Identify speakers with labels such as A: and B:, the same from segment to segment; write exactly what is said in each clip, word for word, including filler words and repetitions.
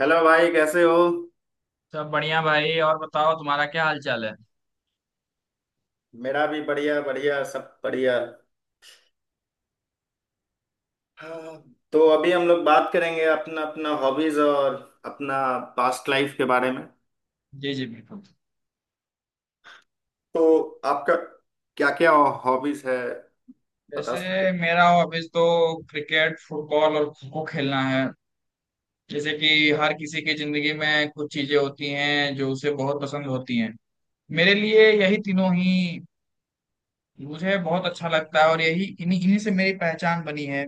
A: Hello भाई कैसे हो।
B: सब बढ़िया भाई। और बताओ तुम्हारा क्या हाल चाल है।
A: मेरा भी बढ़िया बढ़िया, सब बढ़िया। हाँ, तो अभी हम लोग बात करेंगे अपना अपना हॉबीज और अपना पास्ट लाइफ के बारे में।
B: जी जी बिल्कुल।
A: तो आपका क्या क्या हॉबीज है, बता
B: जैसे
A: सकते हो।
B: मेरा हॉबीज तो क्रिकेट, फुटबॉल और खो खो खेलना है। जैसे कि हर किसी की जिंदगी में कुछ चीजें होती हैं जो उसे बहुत पसंद होती हैं। मेरे लिए यही तीनों ही मुझे बहुत अच्छा लगता है, और यही इन्हीं इन्हीं से मेरी पहचान बनी है।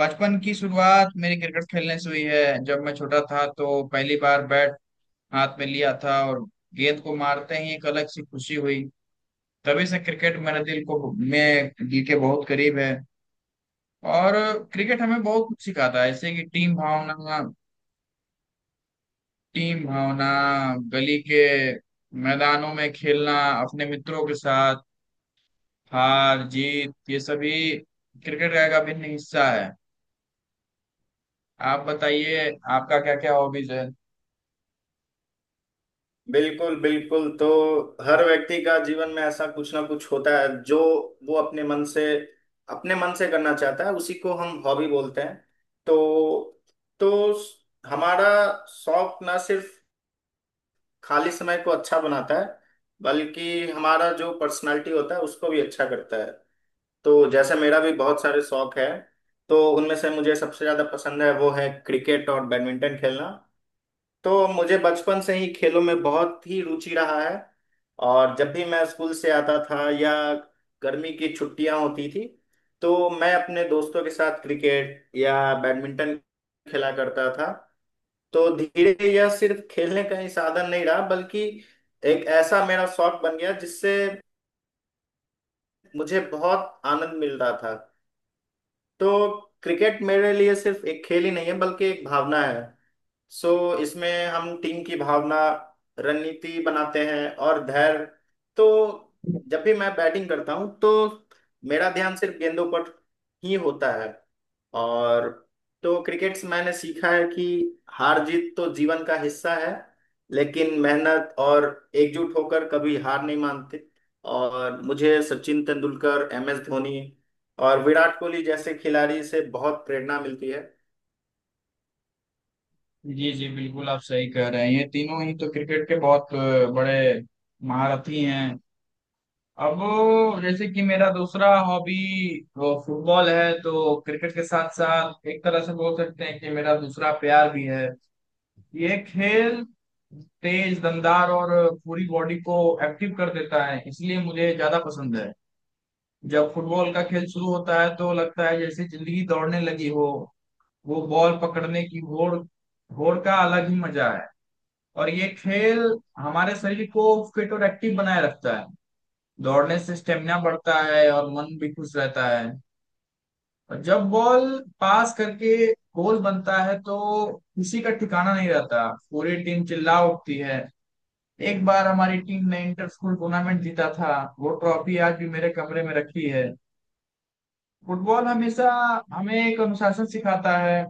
B: बचपन की शुरुआत मेरी क्रिकेट खेलने से हुई है। जब मैं छोटा था तो पहली बार बैट हाथ में लिया था, और गेंद को मारते ही एक अलग सी खुशी हुई। तभी से क्रिकेट मेरे दिल को में दिल के बहुत करीब है। और क्रिकेट हमें बहुत कुछ सिखाता है, जैसे कि टीम भावना। टीम भावना, गली के मैदानों में खेलना अपने मित्रों के साथ, हार जीत, ये सभी क्रिकेट का एक अभिन्न हिस्सा है। आप बताइए, आपका क्या क्या हॉबीज है।
A: बिल्कुल बिल्कुल, तो हर व्यक्ति का जीवन में ऐसा कुछ ना कुछ होता है जो वो अपने मन से अपने मन से करना चाहता है, उसी को हम हॉबी बोलते हैं। तो तो हमारा शौक ना सिर्फ खाली समय को अच्छा बनाता है, बल्कि हमारा जो पर्सनालिटी होता है उसको भी अच्छा करता है। तो जैसे मेरा भी बहुत सारे शौक है, तो उनमें से मुझे सबसे ज्यादा पसंद है वो है क्रिकेट और बैडमिंटन खेलना। तो मुझे बचपन से ही खेलों में बहुत ही रुचि रहा है, और जब भी मैं स्कूल से आता था या गर्मी की छुट्टियां होती थी, तो मैं अपने दोस्तों के साथ क्रिकेट या बैडमिंटन खेला करता था। तो धीरे धीरे यह सिर्फ खेलने का ही साधन नहीं रहा, बल्कि एक ऐसा मेरा शौक बन गया जिससे मुझे बहुत आनंद मिल रहा था। तो क्रिकेट मेरे लिए सिर्फ एक खेल ही नहीं है, बल्कि एक भावना है। सो इसमें हम टीम की भावना, रणनीति बनाते हैं और धैर्य। तो जब भी मैं बैटिंग करता हूँ तो मेरा ध्यान सिर्फ गेंदों पर ही होता है। और तो क्रिकेट से मैंने सीखा है कि हार जीत तो जीवन का हिस्सा है, लेकिन मेहनत और एकजुट होकर कभी हार नहीं मानते। और मुझे सचिन तेंदुलकर, एम एस धोनी और विराट कोहली जैसे खिलाड़ी से बहुत प्रेरणा मिलती है।
B: जी जी बिल्कुल, आप सही कह रहे हैं। ये तीनों ही तो क्रिकेट के बहुत अ, बड़े महारथी हैं। अब जैसे कि मेरा दूसरा हॉबी वो फुटबॉल है। तो क्रिकेट के साथ साथ एक तरह से बोल सकते हैं कि मेरा दूसरा प्यार भी है ये खेल। तेज, दमदार और पूरी बॉडी को एक्टिव कर देता है, इसलिए मुझे ज्यादा पसंद है। जब फुटबॉल का खेल शुरू होता है तो लगता है जैसे जिंदगी दौड़ने लगी हो। वो बॉल पकड़ने की होड़ होड़ का अलग ही मजा है। और ये खेल हमारे शरीर को फिट और एक्टिव बनाए रखता है। दौड़ने से स्टेमिना बढ़ता है और मन भी खुश रहता है। और जब बॉल पास करके गोल बनता है तो खुशी का ठिकाना नहीं रहता, पूरी टीम चिल्ला उठती है। एक बार हमारी टीम ने इंटर स्कूल टूर्नामेंट जीता था, वो ट्रॉफी आज भी मेरे कमरे में रखी है। फुटबॉल हमेशा हमें एक अनुशासन सिखाता है।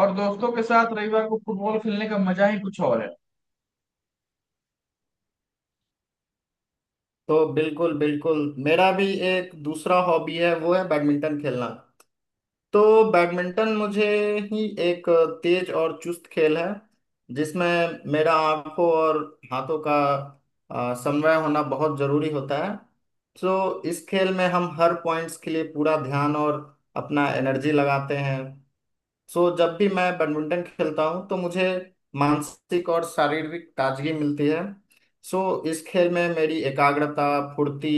B: और दोस्तों के साथ रविवार को फुटबॉल खेलने का मजा ही कुछ और है।
A: तो बिल्कुल बिल्कुल, मेरा भी एक दूसरा हॉबी है, वो है बैडमिंटन खेलना। तो बैडमिंटन मुझे ही एक तेज और चुस्त खेल है, जिसमें मेरा आंखों और हाथों का आ, समन्वय होना बहुत जरूरी होता है। तो इस खेल में हम हर पॉइंट्स के लिए पूरा ध्यान और अपना एनर्जी लगाते हैं। सो जब भी मैं बैडमिंटन खेलता हूँ तो मुझे मानसिक और शारीरिक ताजगी मिलती है। सो इस खेल में मेरी एकाग्रता, फुर्ती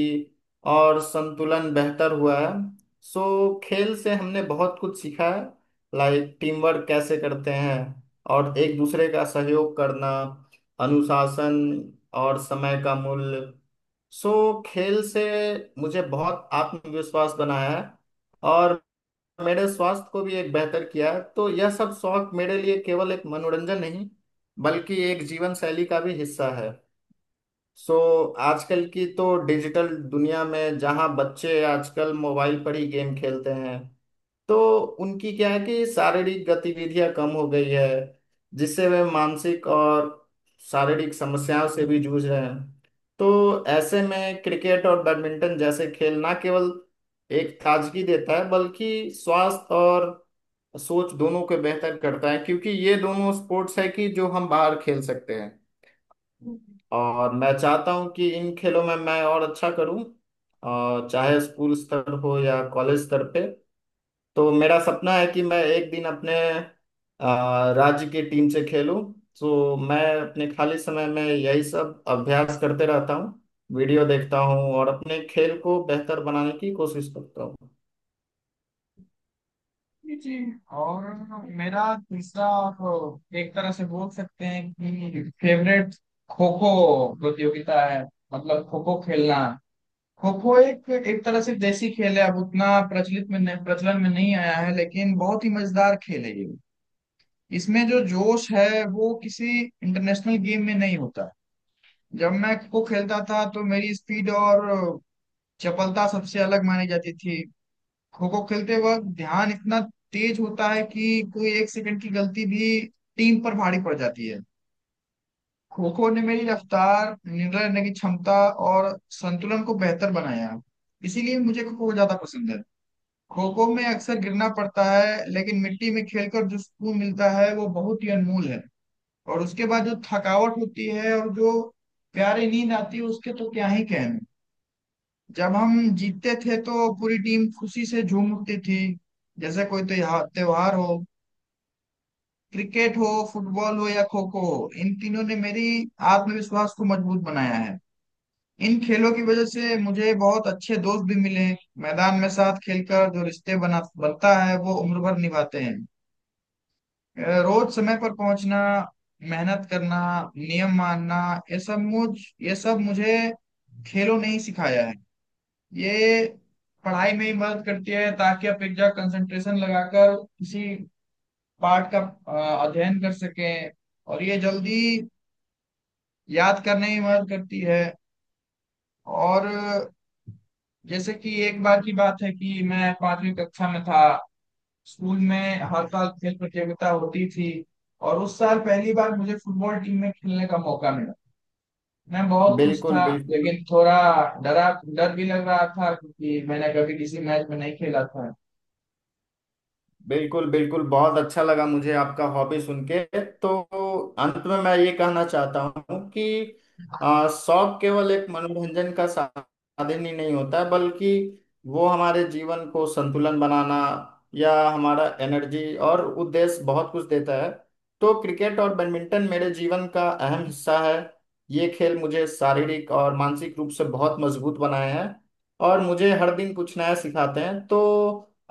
A: और संतुलन बेहतर हुआ है। सो खेल से हमने बहुत कुछ सीखा है, लाइक टीम वर्क कैसे करते हैं और एक दूसरे का सहयोग करना, अनुशासन और समय का मूल्य। सो खेल से मुझे बहुत आत्मविश्वास बनाया है, और मेरे स्वास्थ्य को भी एक बेहतर किया है। तो यह सब शौक मेरे लिए केवल एक मनोरंजन नहीं, बल्कि एक जीवन शैली का भी हिस्सा है। सो आजकल की तो डिजिटल दुनिया में जहाँ बच्चे आजकल मोबाइल पर ही गेम खेलते हैं, तो उनकी क्या है कि शारीरिक गतिविधियाँ कम हो गई है, जिससे वे मानसिक और शारीरिक समस्याओं से भी जूझ रहे हैं। तो ऐसे में क्रिकेट और बैडमिंटन जैसे खेल ना केवल एक ताजगी देता है, बल्कि स्वास्थ्य और सोच दोनों को बेहतर करता है, क्योंकि ये दोनों स्पोर्ट्स है कि जो हम बाहर खेल सकते हैं। और मैं चाहता हूँ कि इन खेलों में मैं और अच्छा करूँ, और चाहे स्कूल स्तर हो या कॉलेज स्तर पे। तो मेरा सपना है कि मैं एक दिन अपने अ, राज्य की टीम से खेलूं। तो मैं अपने खाली समय में यही सब अभ्यास करते रहता हूँ, वीडियो देखता हूँ और अपने खेल को बेहतर बनाने की कोशिश करता हूँ।
B: जी जी। और मेरा तीसरा, आप एक तरह से बोल सकते हैं कि फेवरेट, खो खो प्रतियोगिता है। मतलब खो खो खेलना। खो खो एक एक तरह से देसी खेल है। अब उतना प्रचलित में नहीं- प्रचलन में नहीं आया है, लेकिन बहुत ही मजेदार खेल है ये। इसमें जो जोश है वो किसी इंटरनेशनल गेम में नहीं होता। जब मैं खो खेलता था तो मेरी स्पीड और चपलता सबसे अलग मानी जाती थी। खो खो खेलते वक्त ध्यान इतना तेज होता है कि कोई एक सेकंड की गलती भी टीम पर भारी पड़ जाती है। खो खो ने मेरी रफ्तार, निर्णय लेने की क्षमता और संतुलन को बेहतर बनाया, इसीलिए मुझे खो खो ज्यादा पसंद है। खो खो में अक्सर गिरना पड़ता है, लेकिन मिट्टी में खेलकर जो सुकून मिलता है वो बहुत ही अनमोल है। और उसके बाद जो थकावट होती है और जो प्यारी नींद आती है उसके तो क्या ही कहने। जब हम जीतते थे तो पूरी टीम खुशी से झूम उठती थी, जैसे कोई त्योहार त्योहार हो। क्रिकेट हो, फुटबॉल हो या खो खो हो, इन तीनों ने मेरी आत्मविश्वास को मजबूत बनाया है। इन खेलों की वजह से मुझे बहुत अच्छे दोस्त भी मिले। मैदान में साथ खेलकर जो रिश्ते बना बनता है वो उम्र भर निभाते हैं। अ, रोज समय पर पहुंचना, मेहनत करना, नियम मानना, ये सब मुझ ये सब मुझे खेलों ने ही सिखाया है। ये पढ़ाई में ही मदद करती है, ताकि आप एक जगह कंसंट्रेशन लगाकर किसी पार्ट का अ, अध्ययन कर सकें। और ये जल्दी याद करने में मदद करती है। और जैसे कि एक बार की बात है कि मैं पांचवी कक्षा में था। स्कूल में हर साल खेल प्रतियोगिता होती थी, और उस साल पहली बार मुझे फुटबॉल टीम में खेलने का मौका मिला। मैं बहुत खुश
A: बिल्कुल
B: था,
A: बिल्कुल।
B: लेकिन थोड़ा डरा डर भी लग रहा था, क्योंकि मैंने कभी किसी मैच में नहीं खेला था।
A: बिल्कुल बिल्कुल, बहुत अच्छा लगा मुझे आपका हॉबी सुन के। तो अंत में मैं ये कहना चाहता हूँ कि आ, शौक केवल एक मनोरंजन का साधन ही नहीं होता है, बल्कि वो हमारे जीवन को संतुलन बनाना या हमारा एनर्जी और उद्देश्य, बहुत कुछ देता है। तो क्रिकेट और बैडमिंटन मेरे जीवन का अहम हिस्सा है। ये खेल मुझे शारीरिक और मानसिक रूप से बहुत मजबूत बनाए हैं, और मुझे हर दिन कुछ नया सिखाते हैं। तो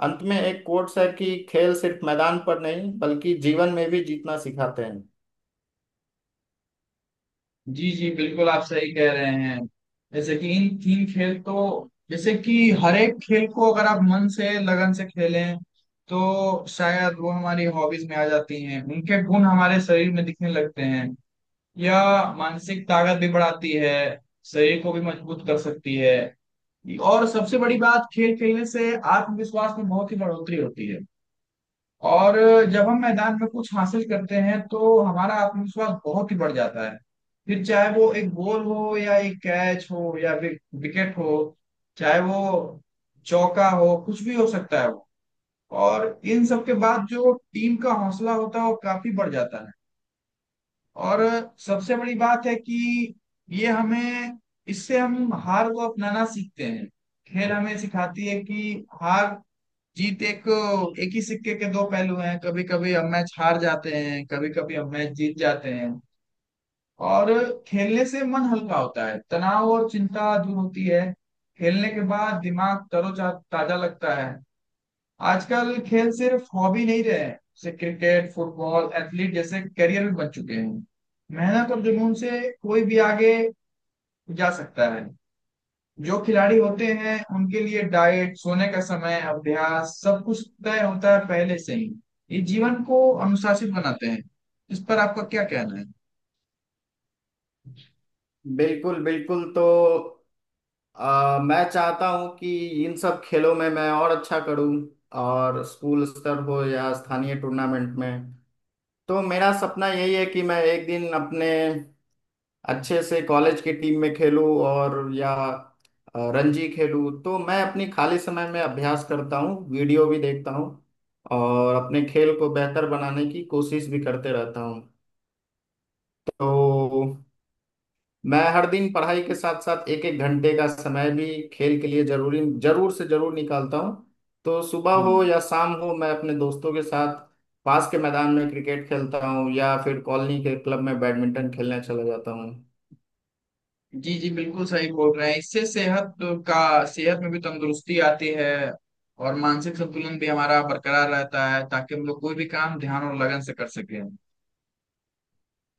A: अंत में एक कोट्स है कि खेल सिर्फ मैदान पर नहीं बल्कि जीवन में भी जीतना सिखाते हैं।
B: जी जी बिल्कुल, आप सही कह रहे हैं। जैसे कि इन तीन खेल, तो जैसे कि हर एक खेल को अगर आप मन से, लगन से खेलें, तो शायद वो हमारी हॉबीज में आ जाती हैं। उनके गुण हमारे शरीर में दिखने लगते हैं, या मानसिक ताकत भी बढ़ाती है, शरीर को भी मजबूत कर सकती है। और सबसे बड़ी बात, खेल खेलने से आत्मविश्वास में बहुत ही बढ़ोतरी होती है। और जब हम मैदान में कुछ हासिल करते हैं तो हमारा आत्मविश्वास बहुत ही बढ़ जाता है, फिर चाहे वो एक गोल हो, या एक कैच हो, या फिर विकेट हो, चाहे वो चौका हो, कुछ भी हो सकता है वो। और इन सब के बाद जो टीम का हौसला होता है वो काफी बढ़ जाता है। और सबसे बड़ी बात है कि ये हमें इससे हम हार को अपनाना सीखते हैं। खेल हमें सिखाती है कि हार जीत एक, एक ही सिक्के के दो पहलू हैं। कभी कभी हम मैच हार जाते हैं, कभी कभी हम मैच जीत जाते हैं। और खेलने से मन हल्का होता है, तनाव और चिंता दूर होती है। खेलने के बाद दिमाग तरोजा ताजा लगता है। आजकल खेल सिर्फ हॉबी नहीं रहे हैं, जैसे क्रिकेट, फुटबॉल, एथलीट जैसे करियर भी बन चुके हैं। मेहनत और जुनून से कोई भी आगे जा सकता है। जो खिलाड़ी होते हैं उनके लिए डाइट, सोने का समय, अभ्यास, सब कुछ तय होता है पहले से ही। ये जीवन को अनुशासित बनाते हैं। इस पर आपका क्या कहना है।
A: बिल्कुल बिल्कुल, तो आ, मैं चाहता हूँ कि इन सब खेलों में मैं और अच्छा करूँ, और स्कूल स्तर हो या स्थानीय टूर्नामेंट में। तो मेरा सपना यही है कि मैं एक दिन अपने अच्छे से कॉलेज की टीम में खेलूं, और या अ, रणजी खेलूं। तो मैं अपनी खाली समय में अभ्यास करता हूँ, वीडियो भी देखता हूँ और अपने खेल को बेहतर बनाने की कोशिश भी करते रहता हूँ। तो मैं हर दिन पढ़ाई के साथ साथ एक एक घंटे का समय भी खेल के लिए जरूरी जरूर से जरूर निकालता हूँ। तो सुबह हो
B: हम्म।
A: या शाम हो, मैं अपने दोस्तों के साथ पास के मैदान में क्रिकेट खेलता हूँ या फिर कॉलोनी के क्लब में बैडमिंटन खेलने चला जाता हूँ।
B: जी जी बिल्कुल सही बोल रहे हैं। इससे सेहत का, सेहत में भी तंदुरुस्ती आती है, और मानसिक संतुलन भी हमारा बरकरार रहता है, ताकि हम लोग कोई भी काम ध्यान और लगन से कर सकें।